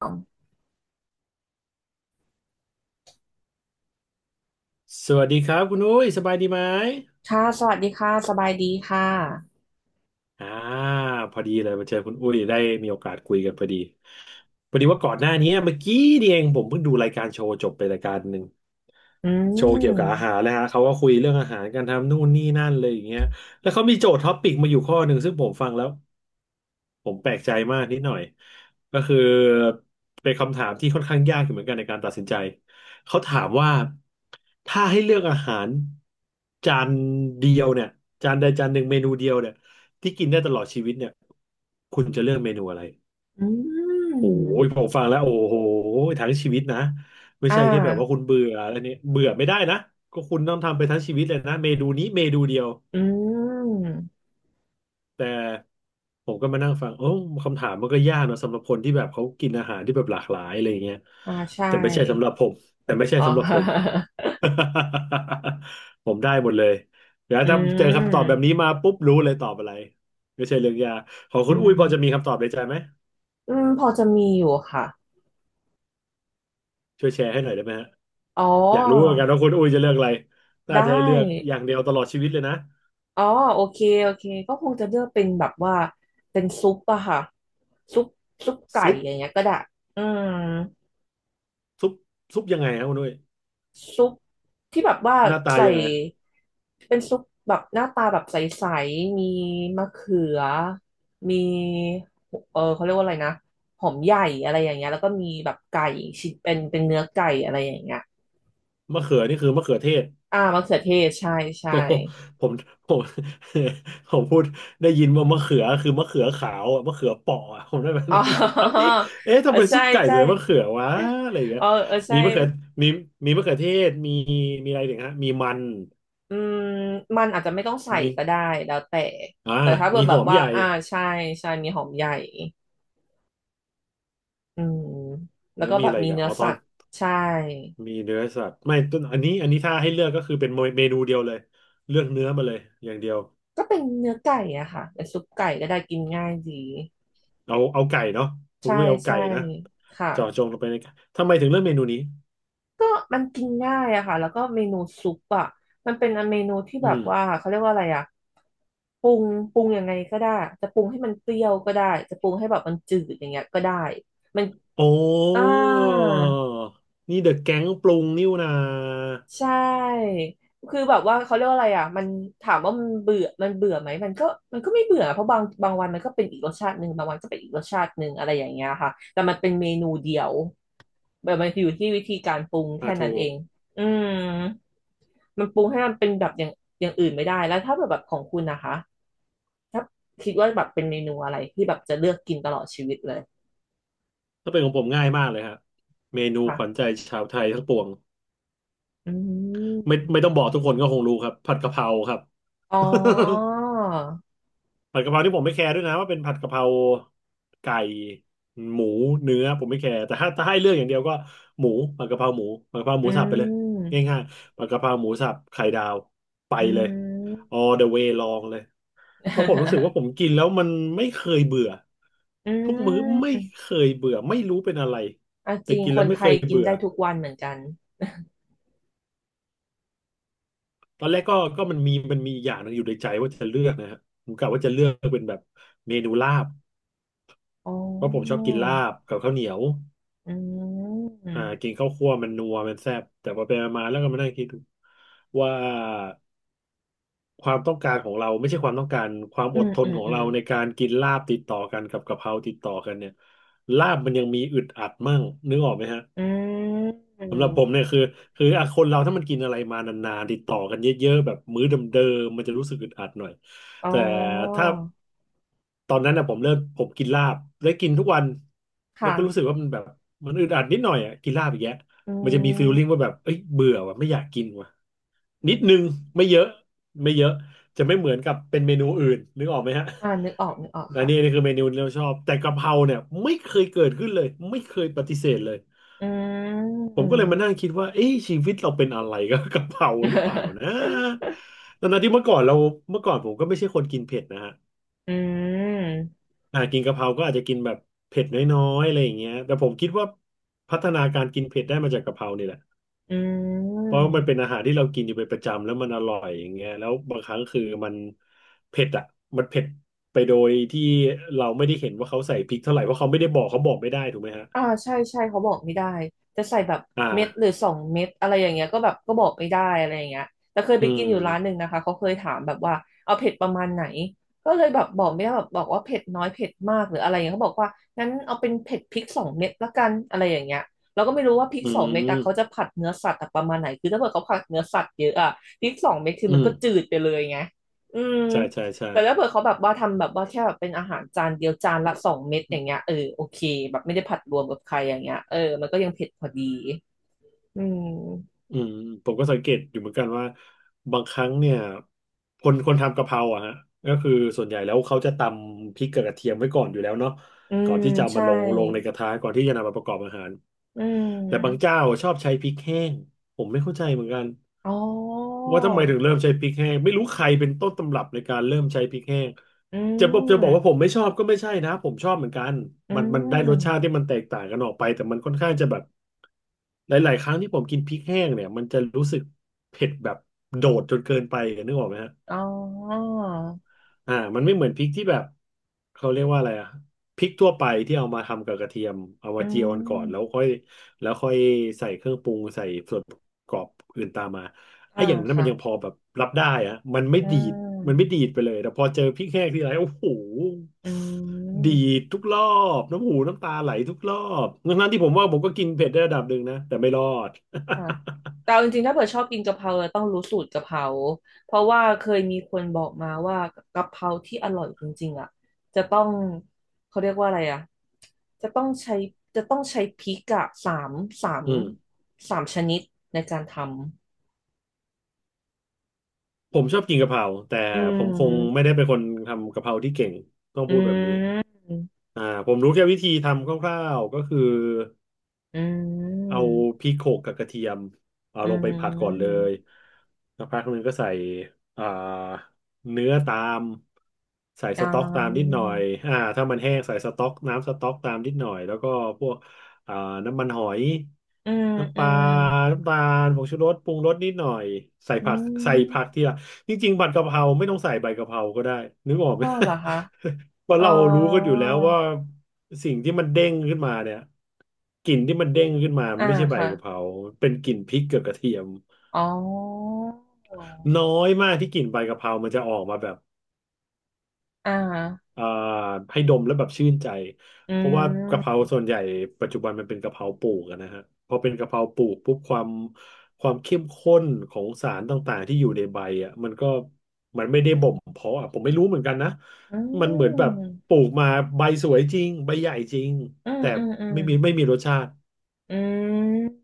คสวัสดีครับคุณอุ้ยสบายดีไหม ่ะสวัสดีค่ะสบายดีค่ะอ่าพอดีเลยมาเจอคุณอุ้ยได้มีโอกาสคุยกันพอดีพอดีว่าก่อนหน้านี้เมื่อกี้นี่เองผมเพิ่งดูรายการโชว์จบไปรายการหนึ่งอืโชว์เกี่ยวกับอาหามรนะฮะเขาก็คุยเรื่องอาหารกันทำนู่นนี่นั่นเลยอย่างเงี้ยแล้วเขามีโจทย์ท็อปปิกมาอยู่ข้อหนึ่งซึ่งผมฟังแล้วผมแปลกใจมากนิดหน่อยก็คือเป็นคำถามที่ค่อนข้างยากอยู่เหมือนกันในการตัดสินใจเขาถามว่าถ้าให้เลือกอาหารจานเดียวเนี่ยจานใดจานหนึ่งเมนูเดียวเนี่ย ที่กินได้ตลอดชีวิตเนี่ยคุณจะเลือกเมนูอะไรอืโอ้ยมผมฟังแล้วโอ้โหทั้งชีวิตนะไม่อ่ใช่แค่แบบว่าคุาณเบื่ออะไรเนี่ยเบื่อไม่ได้นะก็คุณต้องทำไปทั้งชีวิตเลยนะเมนูนี้เมนูเดียวอืมแต่ผมก็มานั่งฟังโอ้คำถามมันก็ยากเนอะสำหรับคนที่แบบเขากินอาหารที่แบบหลากหลายอะไรอย่างเงี้ยอ่าใช่แต่ไม่ใช่สำหรับผมแต่ไม่ใช่อ๋อ สำหรับผม ผมได้หมดเลยเดี๋ยว ถ้าอืเจอคำตอบแบบมนี้มาปุ๊บรู้เลยตอบอะไรไม่ใช่เรื่องยากของอืคุณอุ้ยพอจะมีมคำตอบในใจไหม อืมพอจะมีอยู่ค่ะช่วยแชร์ให้หน่อยได้ไหมฮะอ๋ออยากรู้เหมือนกันว่าคุณอุ้ยจะเลือกอะไรน่าได้จะให้เลือกอย่างเดียวตลอดชีวิตเลยนะอ๋อโอเคโอเคก็คงจะเลือกเป็นแบบว่าเป็นซุปอะค่ะซุปซุปไก่ซุปอย่างเงี้ยก็ได้อืม ซุปซุปยังไงครับคุณอุ้ยซุปที่แบบว่าหน้าตาใส่ยังไงเป็นซุปแบบหน้าตาแบบใสๆมีมะเขือมีเขาเรียกว่าอะไรนะหอมใหญ่อะไรอย่างเงี้ยแล้วก็มีแบบไก่ชิ้นเป็นเนื้อไก่อะไรอย่างเงี้ยมะเขือนี่คือมะเขือเทศ อ่ามะเขือเทศใช่ใช่โอ้โหผมผม ผมพูดได้ยินว่ามะเขือคือมะเขือขาวอะมะเขือเปราะอะผมได้แบบอ๋อนั้นเอาดิเอ๊ะเอทำอไมซุใช่ปไก่ใช่ใส่มะเขือวะอะไรอย่างเงี้เอยอเออมีใช่มะเขือมีมีมะเขือเทศมีอะไรอีกฮะมีมันอืมมันอาจจะไม่ต้องใส่มีก็ได้แล้วแต่อ่าถ้าเกิมีดหแบอบมว่าใหญ่อ่าใช่ใช่มีหอมใหญ่ อืมแล้วแล้วก็มีแบอะบไรอีมีกันเนื้ออ๋อตสัอน ตว์ใช่มีเนื้อสัตว์ไม่ต้นอันนี้อันนี้ถ้าให้เลือกก็คือเป็นเมนูเดียวเลยเลือกเนื้อมาเลยอย่างเดียวก็เป็นเนื้อไก่อะค่ะเป็นซุปไก่ก็ได้กินง่ายดีเอาไก่เนาะคุณใช่ด้วยเอาไก่ใช่นะค่ะเจาะจงลงไปในไก่ทำไมถึงเลือกเมนูนี้ก็มันกินง่ายอะค่ะแล้วก็เมนูซุปอะมันเป็นเมนูที่อืแบบมว่าเขาเรียกว่าอะไรอะปรุงปรุงยังไงก็ได้จะปรุงให้มันเปรี้ยวก็ได้จะปรุงให้แบบมันจืดอย่างเงี้ยก็ได้มันโอ้อ่า นี่เดอะแก๊งปรุงนิ่วนาใช่คือแบบว่าเขาเรียกว่าอะไรอ่ะมันถามว่ามันเบื่อไหมมันก็มันก็ไม่เบื่อเพราะบางวันมันก็เป็นอีกรสชาติหนึ่งบางวันก็เป็นอีกรสชาติหนึ่งอะไรอย่างเงี้ยค่ะแต่มันเป็นเมนูเดียวแบบมันอยู่ที่วิธีการปรุงอ่าแค่ถูนั้นเอกงอืมมันปรุงให้มันเป็นแบบอย่างอื่นไม่ได้แล้วถ้าแบบของคุณนะคะถ้าคิดว่าแบบเป็นเมนูอะไรที่แบบจะเลือกกินตลอดชีวิตเลยถ้าเป็นของผมง่ายมากเลยฮะเมนูขวัญค่ะใจชาวไทยทั้งปวงอืไม่ต้องมบอกทุกคนก็คงรู้ครับผัดกะเพราครับ อ๋อ ผัดกะเพราที่ผมไม่แคร์ด้วยนะว่าเป็นผัดกะเพราไก่หมูเนื้อผมไม่แคร์แต่ถ้าให้เลือกอย่างเดียวก็หมูผัดกะเพราหมูผัดกะเพราหอืมูสับไปเลยมง่ายๆผัดกะเพราหมูสับไข่ดาวไปอืเลย ม all the way ลองเลยเพราะผมรู้สึกว่าผมกินแล้วมันไม่เคยเบื่ออืทุกมื้อไม่เคมยเบื่อไม่รู้เป็นอะไรอ่ะจแต่ริงกินคแล้วนไม่ไทเคยยกินเบื่อได้ทุกวันเหมือนกันตอนแรกก็มันมีอย่างหนึงอยู่ในใจว่าจะเลือกนะฮะผมกะว่าจะเลือกเป็นแบบเมนูลาบอ๋เพราะผมชออบกินลาบกับข้าวเหนียว อืมกินข้าวคั่วมันนัวมันแซ่บแต่พอไปมาแล้วก็มานั่งคิดดูว่าความต้องการของเราไม่ใช่ความต้องการความอือดมทอืนมของอืมเราในการกินลาบติดต่อกันกับกะเพราติดต่อกันเนี่ยลาบมันยังมีอึดอัดมั่งนึกออกไหมฮะ อืสำหรับผมมเนี่ยคือคืออ่ะคนเราถ้ามันกินอะไรมานานๆติดต่อกันเยอะๆแบบมื้อเดิมๆมันจะรู้สึกอึดอัดหน่อยอ๋อแต่ถ้าตอนนั้นนะผมเริ่มผมกินลาบแล้วกินทุกวันแล้วก็รู้สึกค่ะว่ามันแบบมันอึดอัดนิดหน่อยอ่ะกินลาบอกแย่าอืง้มันจะมีฟีลมลิ่งว่าแบบเอ้ยเบื่อว่ะไม่อยากกินว่ะนิอดนึงมไม่เยอะไม่เยอะจะไม่เหมือนกับเป็นเมนูอื่นนึกออกไหมฮะอ่านึกออกนึกออกอันค่ะนี้นี่คือเมนูที่เราชอบแต่กะเพราเนี่ยไม่เคยเกิดขึ้นเลยไม่เคยปฏิเสธเลย อืผมก็เลยมาม นั่งคิดว่าเอ๊ะชีวิตเราเป็นอะไรกับกะเพราหรือเปล่านะ ตอนนั้นที่เมื่อก่อนผมก็ไม่ใช่คนกินเผ็ดนะฮะอืมกินกะเพราก็อาจจะกินแบบเผ็ดน้อยๆอะไรอย่างเงี้ยแต่ผมคิดว่าพัฒนาการกินเผ็ดได้มาจากกะเพรานี่แหละอืเพราะว่ามันเป็นม อาหารที่เรากินอยู่เป็นประจำแล้วมันอร่อยอย่างเงี้ยแล้วบางครั้งคือมันเผ็ดอ่ะมันเผ็ดไปโดยที่เราไม่ได้เห็นว่าเขาใส่พริกเท่าไหร่เพราะเขาไม่ได้บอกเขาบอกไม่ได้ถูกไหมฮะอ่าใช่ใช่เขาบอกไม่ได้จะใส่แบบอ่าเม็ดหรือสองเม็ดอะไรอย่างเงี้ยก็แบบก็บอกไม่ได้อะไรอย่างเงี้ยแต่เคยไปอืกินมอยู่ร้านหนึ่งนะคะเขาเคยถามแบบว่าเอาเผ็ดประมาณไหนก็เลยแบบบอกไม่ได้แบบบอกว่าเผ็ดน้อยเผ็ดมากหรืออะไรอย่างเงี้ยเขาบอกว่างั้นเอาเป็นเผ็ดพริกสองเม็ดละกันอะไรอย่างเงี้ยเราก็ไม่รู้ว่าพริกอืสองเม็ดอะมเขาจะผัดเนื้อสัตว์อะประมาณไหนคือถ้าเกิดเขาผัดเนื้อสัตว์เยอะอะพริกสองเม็ดคืออืมันมก็จืดไปเลยไงอืม ใช่ใช่ใช่ แต่ถ้าเผื่อเขาแบบว่าทำแบบว่าแค่แบบเป็นอาหารจานเดียวจานละสองเม็ดอย่างเงี้ยอโอเคแบบไม่ได้ผัดรวมกับใครอย่างเงี้ยอมันก็ยังเผ็ดพอดีอืมอืมผมก็สังเกตอยู่เหมือนกันว่าบางครั้งเนี่ยคนทำกะเพราอะฮะก็คือส่วนใหญ่แล้วเขาจะตำพริกกับกระเทียมไว้ก่อนอยู่แล้วเนาะ อืก่อมนที่จะเอาใช่มาลงในกระทะก่อนที่จะนำมาประกอบอาหารอืแต่บางมเจ้าชอบใช้พริกแห้งผมไม่เข้าใจเหมือนกันอ๋อว่าทำไมถึงเริ่มใช้พริกแห้งไม่รู้ใครเป็นต้นตำรับในการเริ่มใช้พริกแห้งอืจะบอกว่าผมมไม่ชอบก็ไม่ใช่นะผมชอบเหมือนกันอืมันได้รสชาติมที่มันแตกต่างกันออกไปแต่มันค่อนข้างจะแบบหลายๆครั้งที่ผมกินพริกแห้งเนี่ยมันจะรู้สึกเผ็ดแบบโดดจนเกินไปนึกออกไหมฮะ อ๋อมันไม่เหมือนพริกที่แบบเขาเรียกว่าอะไรอะพริกทั่วไปที่เอามาทำกับกระเทียมเอาอืมาเจียวกันก่อนแล้วมค่อยแล้วค่อยใส่เครื่องปรุงใส่ส่วนประกอบอื่นตามมาไอ้อ่าอย่างนั้นมัค่ะนยังพอแบบรับได้อะมันไม่อืดีดมันไม่มดีดไปเลยแต่พอเจอพริกแห้งทีไรโอ้โหอืดีดม ทุกรอบน้ำหูน้ำตาไหลทุกรอบทั้งๆที่ผมว่าผมก็กินเผ็ดได้ระดับหนึ่งนะแต่ไม่รอด ค่ะแต่เอาจริงๆถ้าเผื่อชอบกินกะเพราเราต้องรู้สูตรกะเพราเพราะว่าเคยมีคนบอกมาว่ากะเพราที่อร่อยจริงๆอ่ะจะต้องเขาเรียกว่าอะไรอ่ะจะต้องใช้จะต้องใช้พริกอะสาม อืมสามชนิดในการทำผมชอบกินกะเพราแต่อืผมคงไม่มได้เป็นคนทำกะเพราที่เก่งต้องอืพูดแบบนี้ มอ่าผมรู้แค่วิธีทำคร่าวๆก็คืออืเอามพริกโขลกกับกระเทียมเอาอืลงไปผัดก่อนเลมยสักพักหนึงก็ใส่อ่าเนื้อตามใส่อ่สต๊อกตามนิดาหน่อยถ้ามันแห้งใส่สต๊อกน้ำสต๊อกตามนิดหน่อยแล้วก็พวกอ่าน้ำมันหอยอืมน้ำปอืลามน้ำตาลผงชูรสปรุงรสนิดหน่อยใส่อืผักใส่ผักมทีหลัง จริงๆผัดกะเพราไม่ต้องใส่ใบกะเพราก็ได้นึกออกไหม อ้าวเหรอคะ เพราะอ๋อเรารู้กันอยู่แล้วว่าสิ่งที่มันเด้งขึ้นมาเนี่ยกลิ่นที่มันเด้งขึ้นมามัอ่านไม่ใช่ใบค่ะ กะเพราเป็นกลิ่นพริกกับกระเทียมอ๋อน้อยมากที่กลิ่นใบกะเพรามันจะออกมาแบบ อ่าฮะอ่าให้ดมแล้วแบบชื่นใจอืเพราะว่ากะเพรามส่วนใหญ่ปัจจุบันมันเป็นกะเพราปลูกอะนะฮะพอเป็นกะเพราปลูกปุ๊บความเข้มข้นของสารต่างๆที่อยู่ในใบอ่ะมันก็มันไม่ได้บ่มเพาะอะผมไม่รู้เหมือนกันนะอืมันเหมือนแบบมปลูกมาใบสวยจริงใบใหญ่จริงอืมแต่อืมอืมไม่มีรสชาติอืม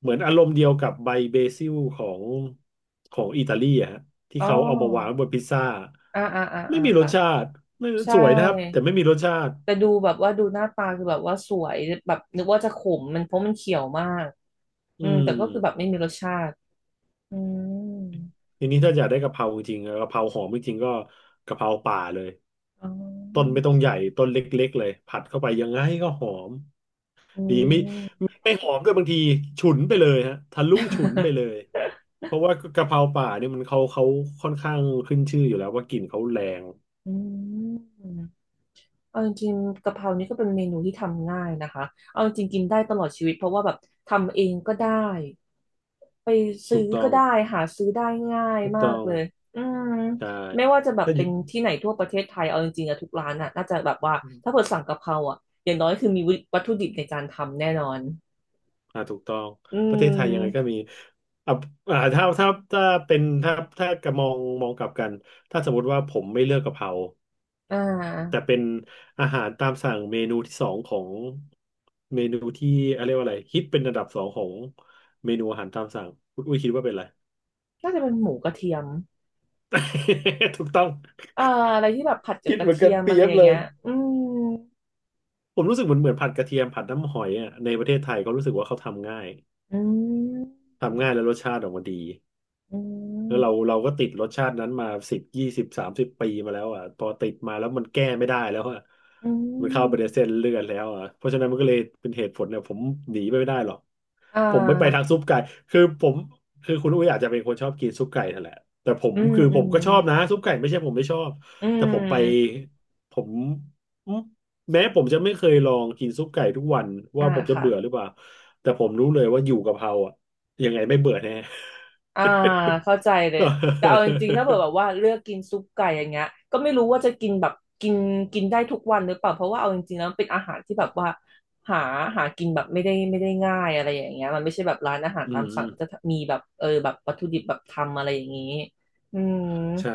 เหมือนอารมณ์เดียวกับใบเบซิลของอิตาลีอะฮะที่อ๋เขาเอามาวางอบนพิซซ่าอ่าอ่าอ่าไม่อ่ามีรสค่ะชาติไม่ใช่สวยนะครับแต่ไม่มีรสชาติ แต่ดูแบบว่าดูหน้าตาคือแบบว่าสวยแบบนึกว่าจะขมมันเพราะมันเขียวมากอือืมแต่ก็คือแบบมไม่มีรสชาติ อืมทีนี้ถ้าอยากได้กะเพราจริงๆกะเพราหอมจริงๆก็กะเพราป่าเลยอ๋ต้นอไม่ต้องใหญ่ต้นเล็กๆเลยผัดเข้าไปยังไงก็หอมอืดีไม่ม หอมด้วยบางทีฉุนไปเลยฮะทะลุฉุนไปเลยเพราะว่ากะเพราป่าเนี่ยมันเขาค่อนข้างขึ้นชื่ออยู่แล้วว่ากลิ่นเขาแรง อืม เอาจริงๆกะเพรานี่ก็เป็นเมนูที่ทำง่ายนะคะเอาจริงๆกินได้ตลอดชีวิตเพราะว่าแบบทำเองก็ได้ไปถูซื้อกต้ก็องได้หาซื้อได้ง่ายถูกมาต้กองเลยอืมใช่ไม่ว่าจะแบบถ้าอเป็ยู่ นที่ไหนทั่วประเทศไทยเอาจริงๆอะทุกร้านอะน่าจะแบบว่าถ้าเกิดสั่งกะเพราอะอย่างน้อยคือมีวัตถุดิบในการทำแน่นอนอ่าถูกต้อง อืประเทศไทยยังไงก็มมีอ่ะอ่าถ้าถ้าถ้าเป็นถ้าถ้ากะมองกลับกัน ถ้าสมมติว่าผมไม่เลือกกะเพราอ่แต่าเป็นอาหารตามสั่งเมนูที่สองของเมนูที่อะไรยกว่าอะไรฮิตเป็นอันดับสองของเมนูอาหารตามสั่งคุณอุ้ยคิดว่าเป็นอะไร น่าจะเป็นหมูกระเทียม ถูกต้องอ่าอะไรที่แบบผัดกับคิดกเหระมือนเทีกันยมเปอะรีไรยบอย่างเลเงี้ย ยอืมผมรู้สึกเหมือนผัดกระเทียมผัดน้ำหอยอ่ะในประเทศไทยเขารู้สึกว่า เขาทำง่ายอืมทำง่ายแล้วรสชาติออกมาดี อืแล้มวเราก็ติดรสชาตินั้นมา10-20-30 ปีมาแล้วอ่ะพอติดมาแล้วมันแก้ไม่ได้แล้วอ่ะอืมันเข้าไปในม เส้นเลือดแล้วอ่ะเพราะฉะนั้นมันก็เลยเป็นเหตุผลเนี่ยผมหนีไปไม่ได้หรอกอ่ผมไม่ไปทาางซุปไก่คือผมคือคุณอุ้ยอาจจะเป็นคนชอบกินซุปไก่นั่นแหละแต่ผมอืมคืออืผมมก็ชอบนะซุปไก่ไม่ใช่ผมไม่ชอบอืแต่ผมไปมผมอืมแม้ผมจะไม่เคยลองกินซุปไก่ทุกวันอ่าว่าผมจะค่ะเบื่อหรือเปล่าแต่ผมรู้เลยว่าอยู่กะเพราอ่ะยังไงไม่เบื่อแน่ อ่าเข้า ใจเลยแต่เอาจริงๆถ้าเกิดแบบ ว่าเลือกกินซุปไก่อย่างเงี้ยก็ไม่รู้ว่าจะกินแบบกินกินได้ทุกวันหรือเปล่าเพราะว่าเอาจริงๆแล้วมันเป็นอาหารที่แบบว่าหาหากินแบบไม่ได้ง่ายอะไรอย่างเงี้ยมันไม่ใช่แบบร้านอาหารอืตามสั่งมก็จะมีแบบแบบวัตถุดิบแบบทำอะไรอย่างงี้อืมใช่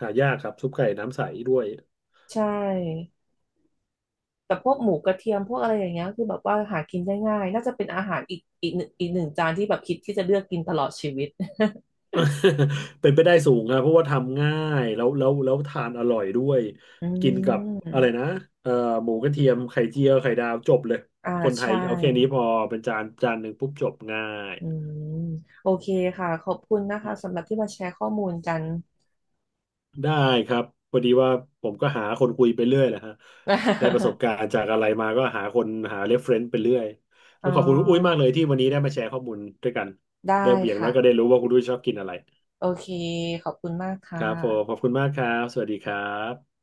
หายากครับซุปไก่น้ำใสด้วย ใช่ แต่พวกหมูกระเทียมพวกอะไรอย่างเงี้ยคือแบบว่าหากินได้ง่ายน่าจะเป็นอาหารอีกหนึ่งอีกหนึ่งจานที่แบบคิดที่จะเลือกกินตลอดชีวิต เป็นไปได้สูงครับเพราะว่าทำง่ายแล้วทานอร่อยด้วย อืกินกับอะไรมนะเอ่อหมูกระเทียมไข่เจียวไข่ดาวจบเลยอ่าคนไทยใช่เอาแค่นี้พอเป็นจานหนึ่งปุ๊บจบง่าย อืมโอเคค่ะขอบคุณนะคะสำหรับที่มาแชร์ข้อมูลกัน ได้ครับพอดีว่าผมก็หาคนคุยไปเรื่อยแหละฮะได้ประสบ การณ์จากอะไรมาก็หาคนหาเรฟเฟรนซ์ไปเรื่อยอ๋แล้วขอบคุณคุณอุ้ยมากอเลยที่วันนี้ได้มาแชร์ข้อมูลด้วยกันได้ได้อย่างน้อยก็ได้ค่ะรู้ว่าคุณอุ้ยชอบกินอะไรโอเคขอบคุณมากคค่ะรับผมขอบคุณมากครับสวัสดีครับ